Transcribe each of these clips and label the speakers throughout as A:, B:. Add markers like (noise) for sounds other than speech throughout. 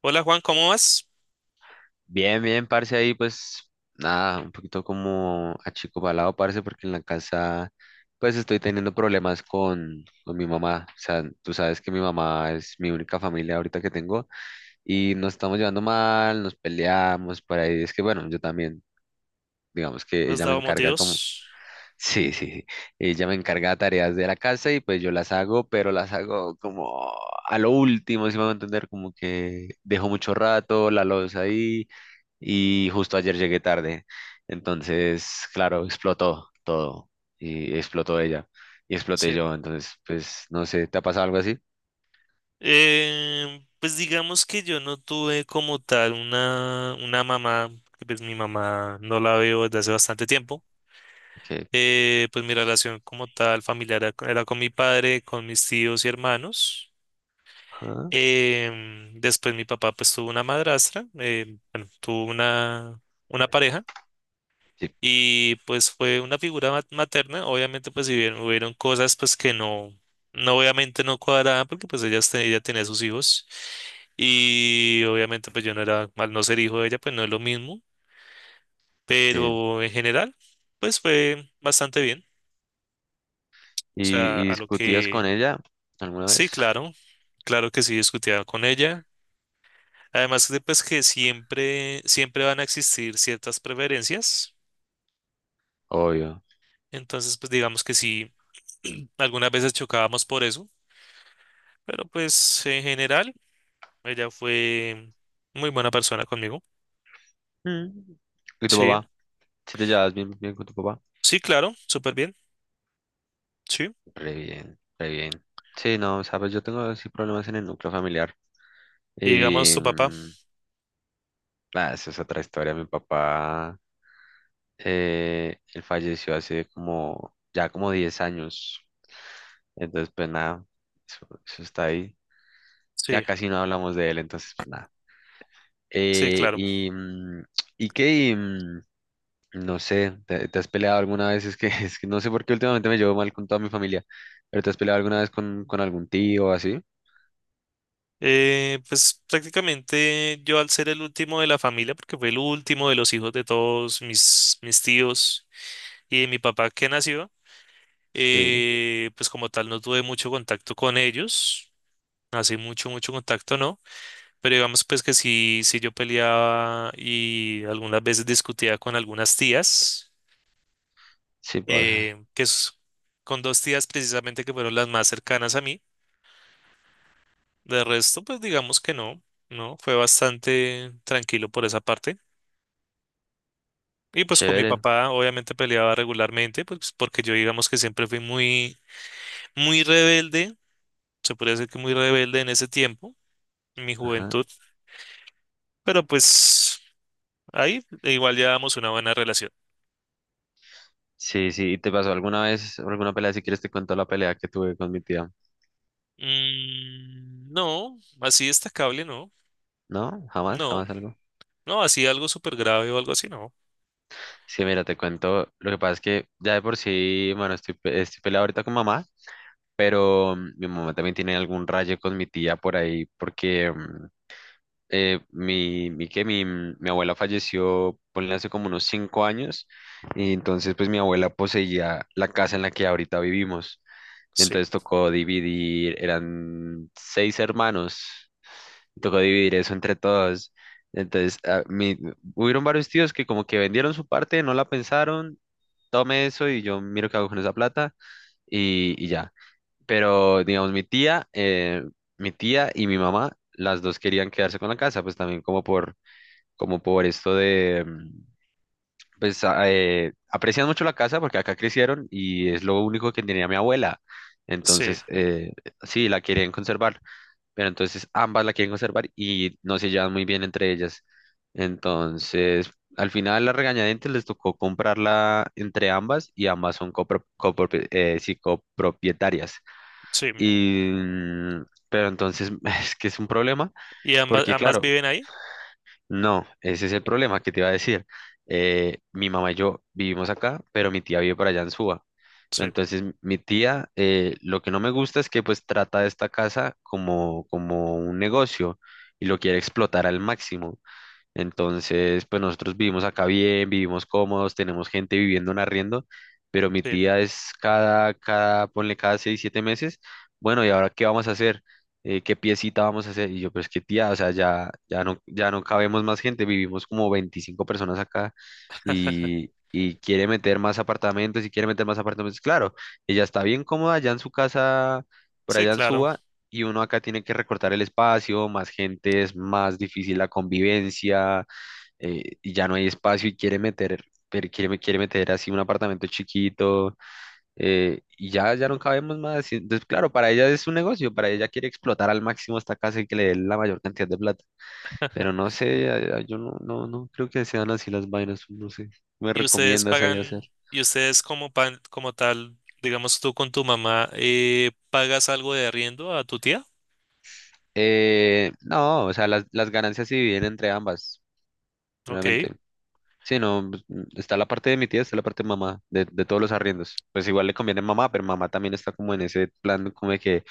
A: Hola Juan, ¿cómo vas?
B: Bien, bien, parce, ahí pues nada, un poquito como achicobalado, parce, porque en la casa pues estoy teniendo problemas con mi mamá. O sea, tú sabes que mi mamá es mi única familia ahorita que tengo y nos estamos llevando mal, nos peleamos por ahí. Es que bueno, yo también, digamos que
A: ¿Le has
B: ella me
A: dado
B: encarga como,
A: motivos?
B: (laughs) sí, sí, sí, ella me encarga tareas de la casa y pues yo las hago, pero las hago como a lo último, si me van a entender, como que dejo mucho rato la loza ahí y justo ayer llegué tarde. Entonces, claro, explotó todo y explotó ella y exploté
A: Sí.
B: yo. Entonces, pues, no sé, ¿te ha pasado algo así?
A: Pues digamos que yo no tuve como tal una mamá, que pues mi mamá no la veo desde hace bastante tiempo.
B: Que,
A: Pues mi relación como tal familiar era con mi padre, con mis tíos y hermanos.
B: ah,
A: Después mi papá pues tuvo una madrastra, bueno, tuvo una pareja.
B: sí,
A: Y pues fue una figura materna, obviamente pues si bien hubieron cosas pues que no, no obviamente no cuadraban porque pues ella, ella tenía sus hijos y obviamente pues yo no era, al no ser hijo de ella pues no es lo mismo,
B: sí.
A: pero en general pues fue bastante bien, o sea,
B: ¿Y
A: a lo
B: discutías con
A: que
B: ella alguna
A: sí,
B: vez?
A: claro, claro que sí discutía con ella, además de pues que siempre, siempre van a existir ciertas preferencias,
B: Obvio.
A: entonces pues digamos que sí, (clears throat) algunas veces chocábamos por eso. Pero pues en general, ella fue muy buena persona conmigo.
B: Mm. ¿Y tu
A: Sí,
B: papá? ¿Si te llevas bien, bien con tu papá?
A: sí, claro, súper bien. Sí.
B: Re bien, re bien. Sí, no, sabes, yo tengo sí problemas en el núcleo familiar.
A: Y digamos
B: Y,
A: su papá.
B: mm, Bah, eso es otra historia. Mi papá él falleció hace ya como 10 años. Entonces, pues nada, eso está ahí. Ya
A: Sí,
B: casi no hablamos de él, entonces, pues nada.
A: sí,
B: Eh,
A: claro.
B: y, mm, y que, mm, no sé, ¿te has peleado alguna vez? Es que, (laughs) es que no sé por qué últimamente me llevo mal con toda mi familia, pero ¿te has peleado alguna vez con algún tío o así?
A: Pues prácticamente yo al ser el último de la familia, porque fue el último de los hijos de todos mis tíos y de mi papá que nació,
B: Sí,
A: pues como tal no tuve mucho contacto con ellos. Así mucho, mucho contacto, ¿no? Pero digamos pues que sí, sí yo peleaba y algunas veces discutía con algunas tías.
B: sí pasa.
A: Eh, que es con dos tías precisamente que fueron las más cercanas a mí. De resto, pues digamos que no, ¿no? Fue bastante tranquilo por esa parte. Y pues con mi
B: Chévere.
A: papá obviamente peleaba regularmente, pues porque yo digamos que siempre fui muy, muy rebelde, se podría decir que muy rebelde en ese tiempo, en mi
B: Ajá.
A: juventud, pero pues ahí e igual llevábamos una buena relación.
B: Sí, sí. ¿Y te pasó alguna vez alguna pelea? Si quieres te cuento la pelea que tuve con mi tía.
A: Mm, no, así destacable, no,
B: ¿No? ¿Jamás?
A: no,
B: ¿Jamás algo?
A: no, así algo súper grave o algo así, no.
B: Sí, mira, te cuento, lo que pasa es que ya de por sí, bueno, estoy peleado ahorita con mamá, pero mi mamá también tiene algún rayo con mi tía por ahí, porque mm, mi, mi, que mi, mm, mi abuela falleció, ponle hace como unos 5 años, y entonces pues mi abuela poseía la casa en la que ahorita vivimos,
A: Sí,
B: entonces tocó dividir, eran seis hermanos, tocó dividir eso entre todos. Entonces, hubieron varios tíos que como que vendieron su parte, no la pensaron tome eso y yo miro qué hago con esa plata y ya. Pero, digamos, mi tía y mi mamá, las dos querían quedarse con la casa, pues también como por esto de, aprecian mucho la casa porque acá crecieron y es lo único que tenía mi abuela.
A: sí,
B: Entonces, sí, la querían conservar, pero entonces ambas la quieren conservar y no se llevan muy bien entre ellas. Entonces, al final la regañadientes les tocó comprarla entre ambas y ambas son sí, copropietarias.
A: sí.
B: Pero entonces (laughs) es que es un problema
A: ¿Y ambas,
B: porque,
A: ambas
B: claro,
A: viven ahí?
B: no, ese es el problema que te iba a decir. Mi mamá y yo vivimos acá, pero mi tía vive por allá en Suba.
A: Sí,
B: Entonces, mi tía, lo que no me gusta es que pues trata esta casa como, como un negocio y lo quiere explotar al máximo. Entonces, pues nosotros vivimos acá bien, vivimos cómodos, tenemos gente viviendo en arriendo, pero mi
A: sí,
B: tía es ponle cada 6, 7 meses, bueno, ¿y ahora qué vamos a hacer? ¿Qué piecita vamos a hacer? Y yo, pues qué tía, o sea, ya, ya no, ya no cabemos más gente, vivimos como 25 personas acá
A: (laughs)
B: y quiere meter más apartamentos y quiere meter más apartamentos. Claro, ella está bien cómoda allá en su casa, por
A: sí,
B: allá en
A: claro.
B: Suba, y uno acá tiene que recortar el espacio, más gente, es más difícil la convivencia, y ya no hay espacio y quiere meter, pero quiere meter así un apartamento chiquito, y ya no cabemos más. Y entonces, claro, para ella es un negocio, para ella quiere explotar al máximo esta casa y que le dé la mayor cantidad de plata, pero no sé, yo no creo que sean así las vainas, no sé. ¿Me
A: ¿Y ustedes
B: recomiendas ahí hacer?
A: pagan, y ustedes como, como tal, digamos tú con tu mamá, pagas algo de arriendo a tu tía?
B: No, o sea, las ganancias se dividen entre ambas,
A: Ok,
B: realmente. Sí, no, pues, está la parte de mi tía, está la parte de mamá, de todos los arriendos. Pues igual le conviene a mamá, pero mamá también está como en ese plan, como de que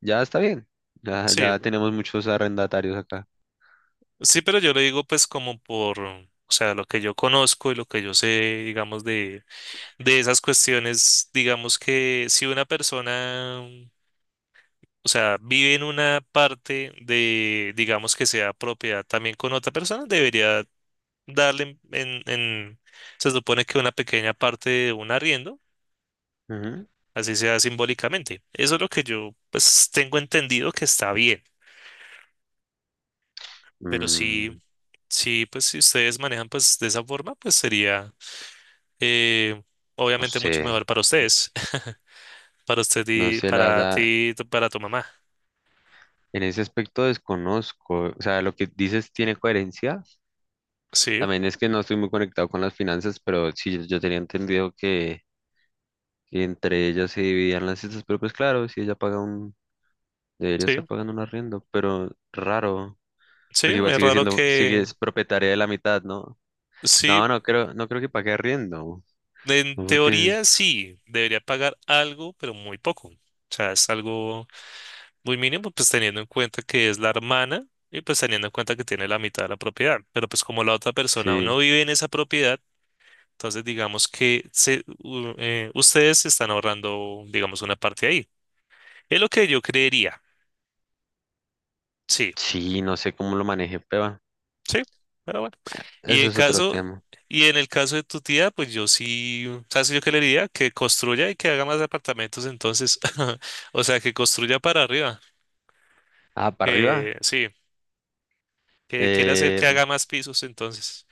B: ya está bien, ya,
A: sí,
B: ya tenemos muchos arrendatarios acá.
A: sí, pero yo le digo pues como por, o sea, lo que yo conozco y lo que yo sé, digamos, de esas cuestiones, digamos que si una persona, o sea, vive en una parte de, digamos que sea propiedad también con otra persona, debería darle se supone que una pequeña parte de un arriendo,
B: Ujú.
A: así sea simbólicamente. Eso es lo que yo pues tengo entendido que está bien, pero sí,
B: Mm,
A: sí, pues si ustedes manejan pues de esa forma, pues sería eh,
B: no
A: obviamente mucho
B: sé,
A: mejor para ustedes, (laughs) para usted
B: no
A: y
B: sé, la
A: para
B: verdad,
A: ti, para tu mamá.
B: en ese aspecto desconozco. O sea, lo que dices tiene coherencia.
A: Sí,
B: También es que no estoy muy conectado con las finanzas, pero sí, yo tenía entendido que, entre ellas se dividían las cestas, pero pues claro, si ella debería
A: sí,
B: estar pagando un arriendo, pero raro.
A: sí,
B: Porque igual
A: es
B: sigue
A: raro
B: siendo, sigue es
A: que
B: propietaria de la mitad, ¿no? No,
A: sí,
B: no creo, no creo que pague arriendo.
A: en
B: No, porque
A: teoría sí, debería pagar algo, pero muy poco. O sea, es algo muy mínimo, pues teniendo en cuenta que es la hermana y pues teniendo en cuenta que tiene la mitad de la propiedad. Pero pues como la otra persona aún
B: sí,
A: no vive en esa propiedad, entonces digamos que ustedes se están ahorrando, digamos, una parte ahí. Es lo que yo creería. Sí,
B: sí, no sé cómo lo maneje, pero
A: sí, pero bueno. Y
B: eso
A: en
B: es otro
A: caso,
B: tema.
A: y en el caso de tu tía, pues yo sí, ¿sabes qué yo qué le diría? Que construya y que haga más apartamentos entonces. (laughs) O sea, que construya para arriba.
B: Ah, para arriba,
A: Que sí, que quiere hacer
B: eh,
A: que haga más pisos entonces.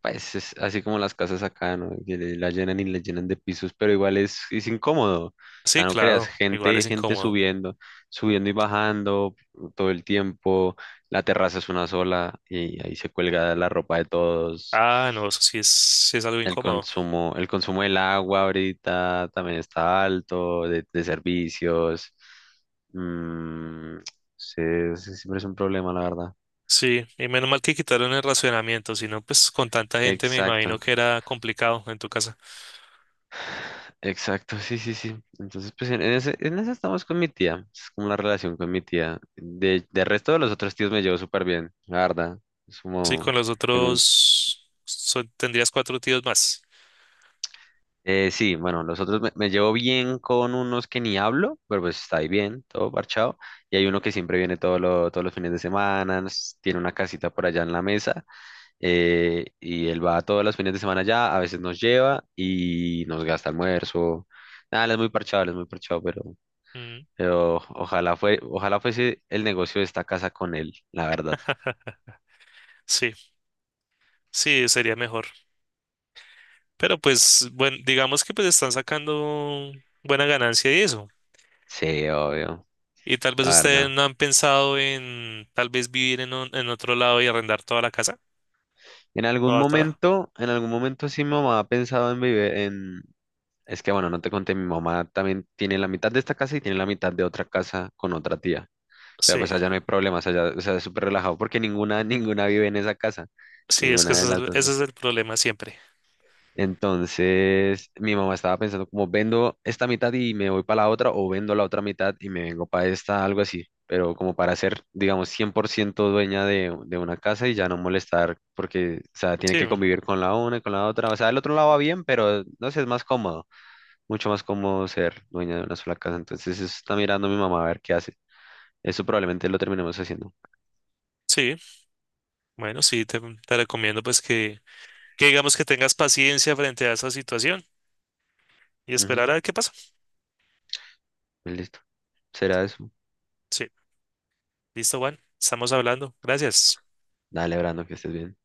B: pues es así como las casas acá, ¿no? Que le- la llenan y la llenan de pisos, pero igual es incómodo. O sea,
A: Sí,
B: no creas,
A: claro, igual
B: gente,
A: es
B: gente
A: incómodo.
B: subiendo, subiendo y bajando todo el tiempo. La terraza es una sola y ahí se cuelga la ropa de todos.
A: Ah, no, eso sí es algo
B: El
A: incómodo.
B: consumo, el consumo del agua ahorita también está alto, de servicios. Mm, sí, sí, siempre es un problema, la verdad.
A: Sí, y menos mal que quitaron el racionamiento, si no, pues con tanta gente me imagino
B: Exacto,
A: que era complicado en tu casa.
B: exacto, sí, sí, sí. Entonces, pues en ese estamos con mi tía. Es como la relación con mi tía. De resto de los otros tíos me llevo súper bien, la verdad. Es
A: Sí,
B: como,
A: con los
B: tengo un.
A: otros tendrías cuatro tíos más.
B: Sí, bueno, los otros me llevo bien con unos que ni hablo, pero pues está ahí bien, todo parchado. Y hay uno que siempre viene todos los fines de semana, tiene una casita por allá en la mesa, y él va todos los fines de semana allá, a veces nos lleva y nos gasta almuerzo. Nada, él es muy parchado, él es muy parchado, pero,
A: Mm,
B: pero ojalá fuese el negocio de esta casa con él, la verdad.
A: sí, sí, sería mejor. Pero pues, bueno, digamos que pues están sacando buena ganancia y eso.
B: Sí, obvio,
A: Y tal vez
B: la
A: ustedes
B: verdad.
A: no han pensado en tal vez vivir en, en otro lado y arrendar toda la casa. Toda, toda.
B: En algún momento sí mi mamá ha pensado en vivir, en. Es que bueno, no te conté, mi mamá también tiene la mitad de esta casa y tiene la mitad de otra casa con otra tía. Pero
A: Sí,
B: pues allá no hay problemas, allá, o sea, es súper relajado porque ninguna, (laughs) ninguna vive en esa casa,
A: sí, es que
B: ninguna de las dos,
A: ese
B: pues.
A: es el problema siempre.
B: Entonces, mi mamá estaba pensando como vendo esta mitad y me voy para la otra o vendo la otra mitad y me vengo para esta, algo así. Pero como para ser, digamos, 100% dueña de una casa y ya no molestar porque, o sea, tiene
A: Sí,
B: que
A: mm,
B: convivir con la una y con la otra. O sea, el otro lado va bien, pero no sé, es más cómodo mucho más cómodo ser dueña de una sola casa. Entonces, eso está mirando mi mamá a ver qué hace. Eso probablemente lo terminemos haciendo.
A: sí, bueno, sí, te recomiendo pues que digamos que tengas paciencia frente a esa situación y esperar
B: Ujú,
A: a ver qué pasa.
B: pues listo. Será eso.
A: Sí, listo, Juan, estamos hablando. Gracias.
B: Dale, Brando, que estés bien.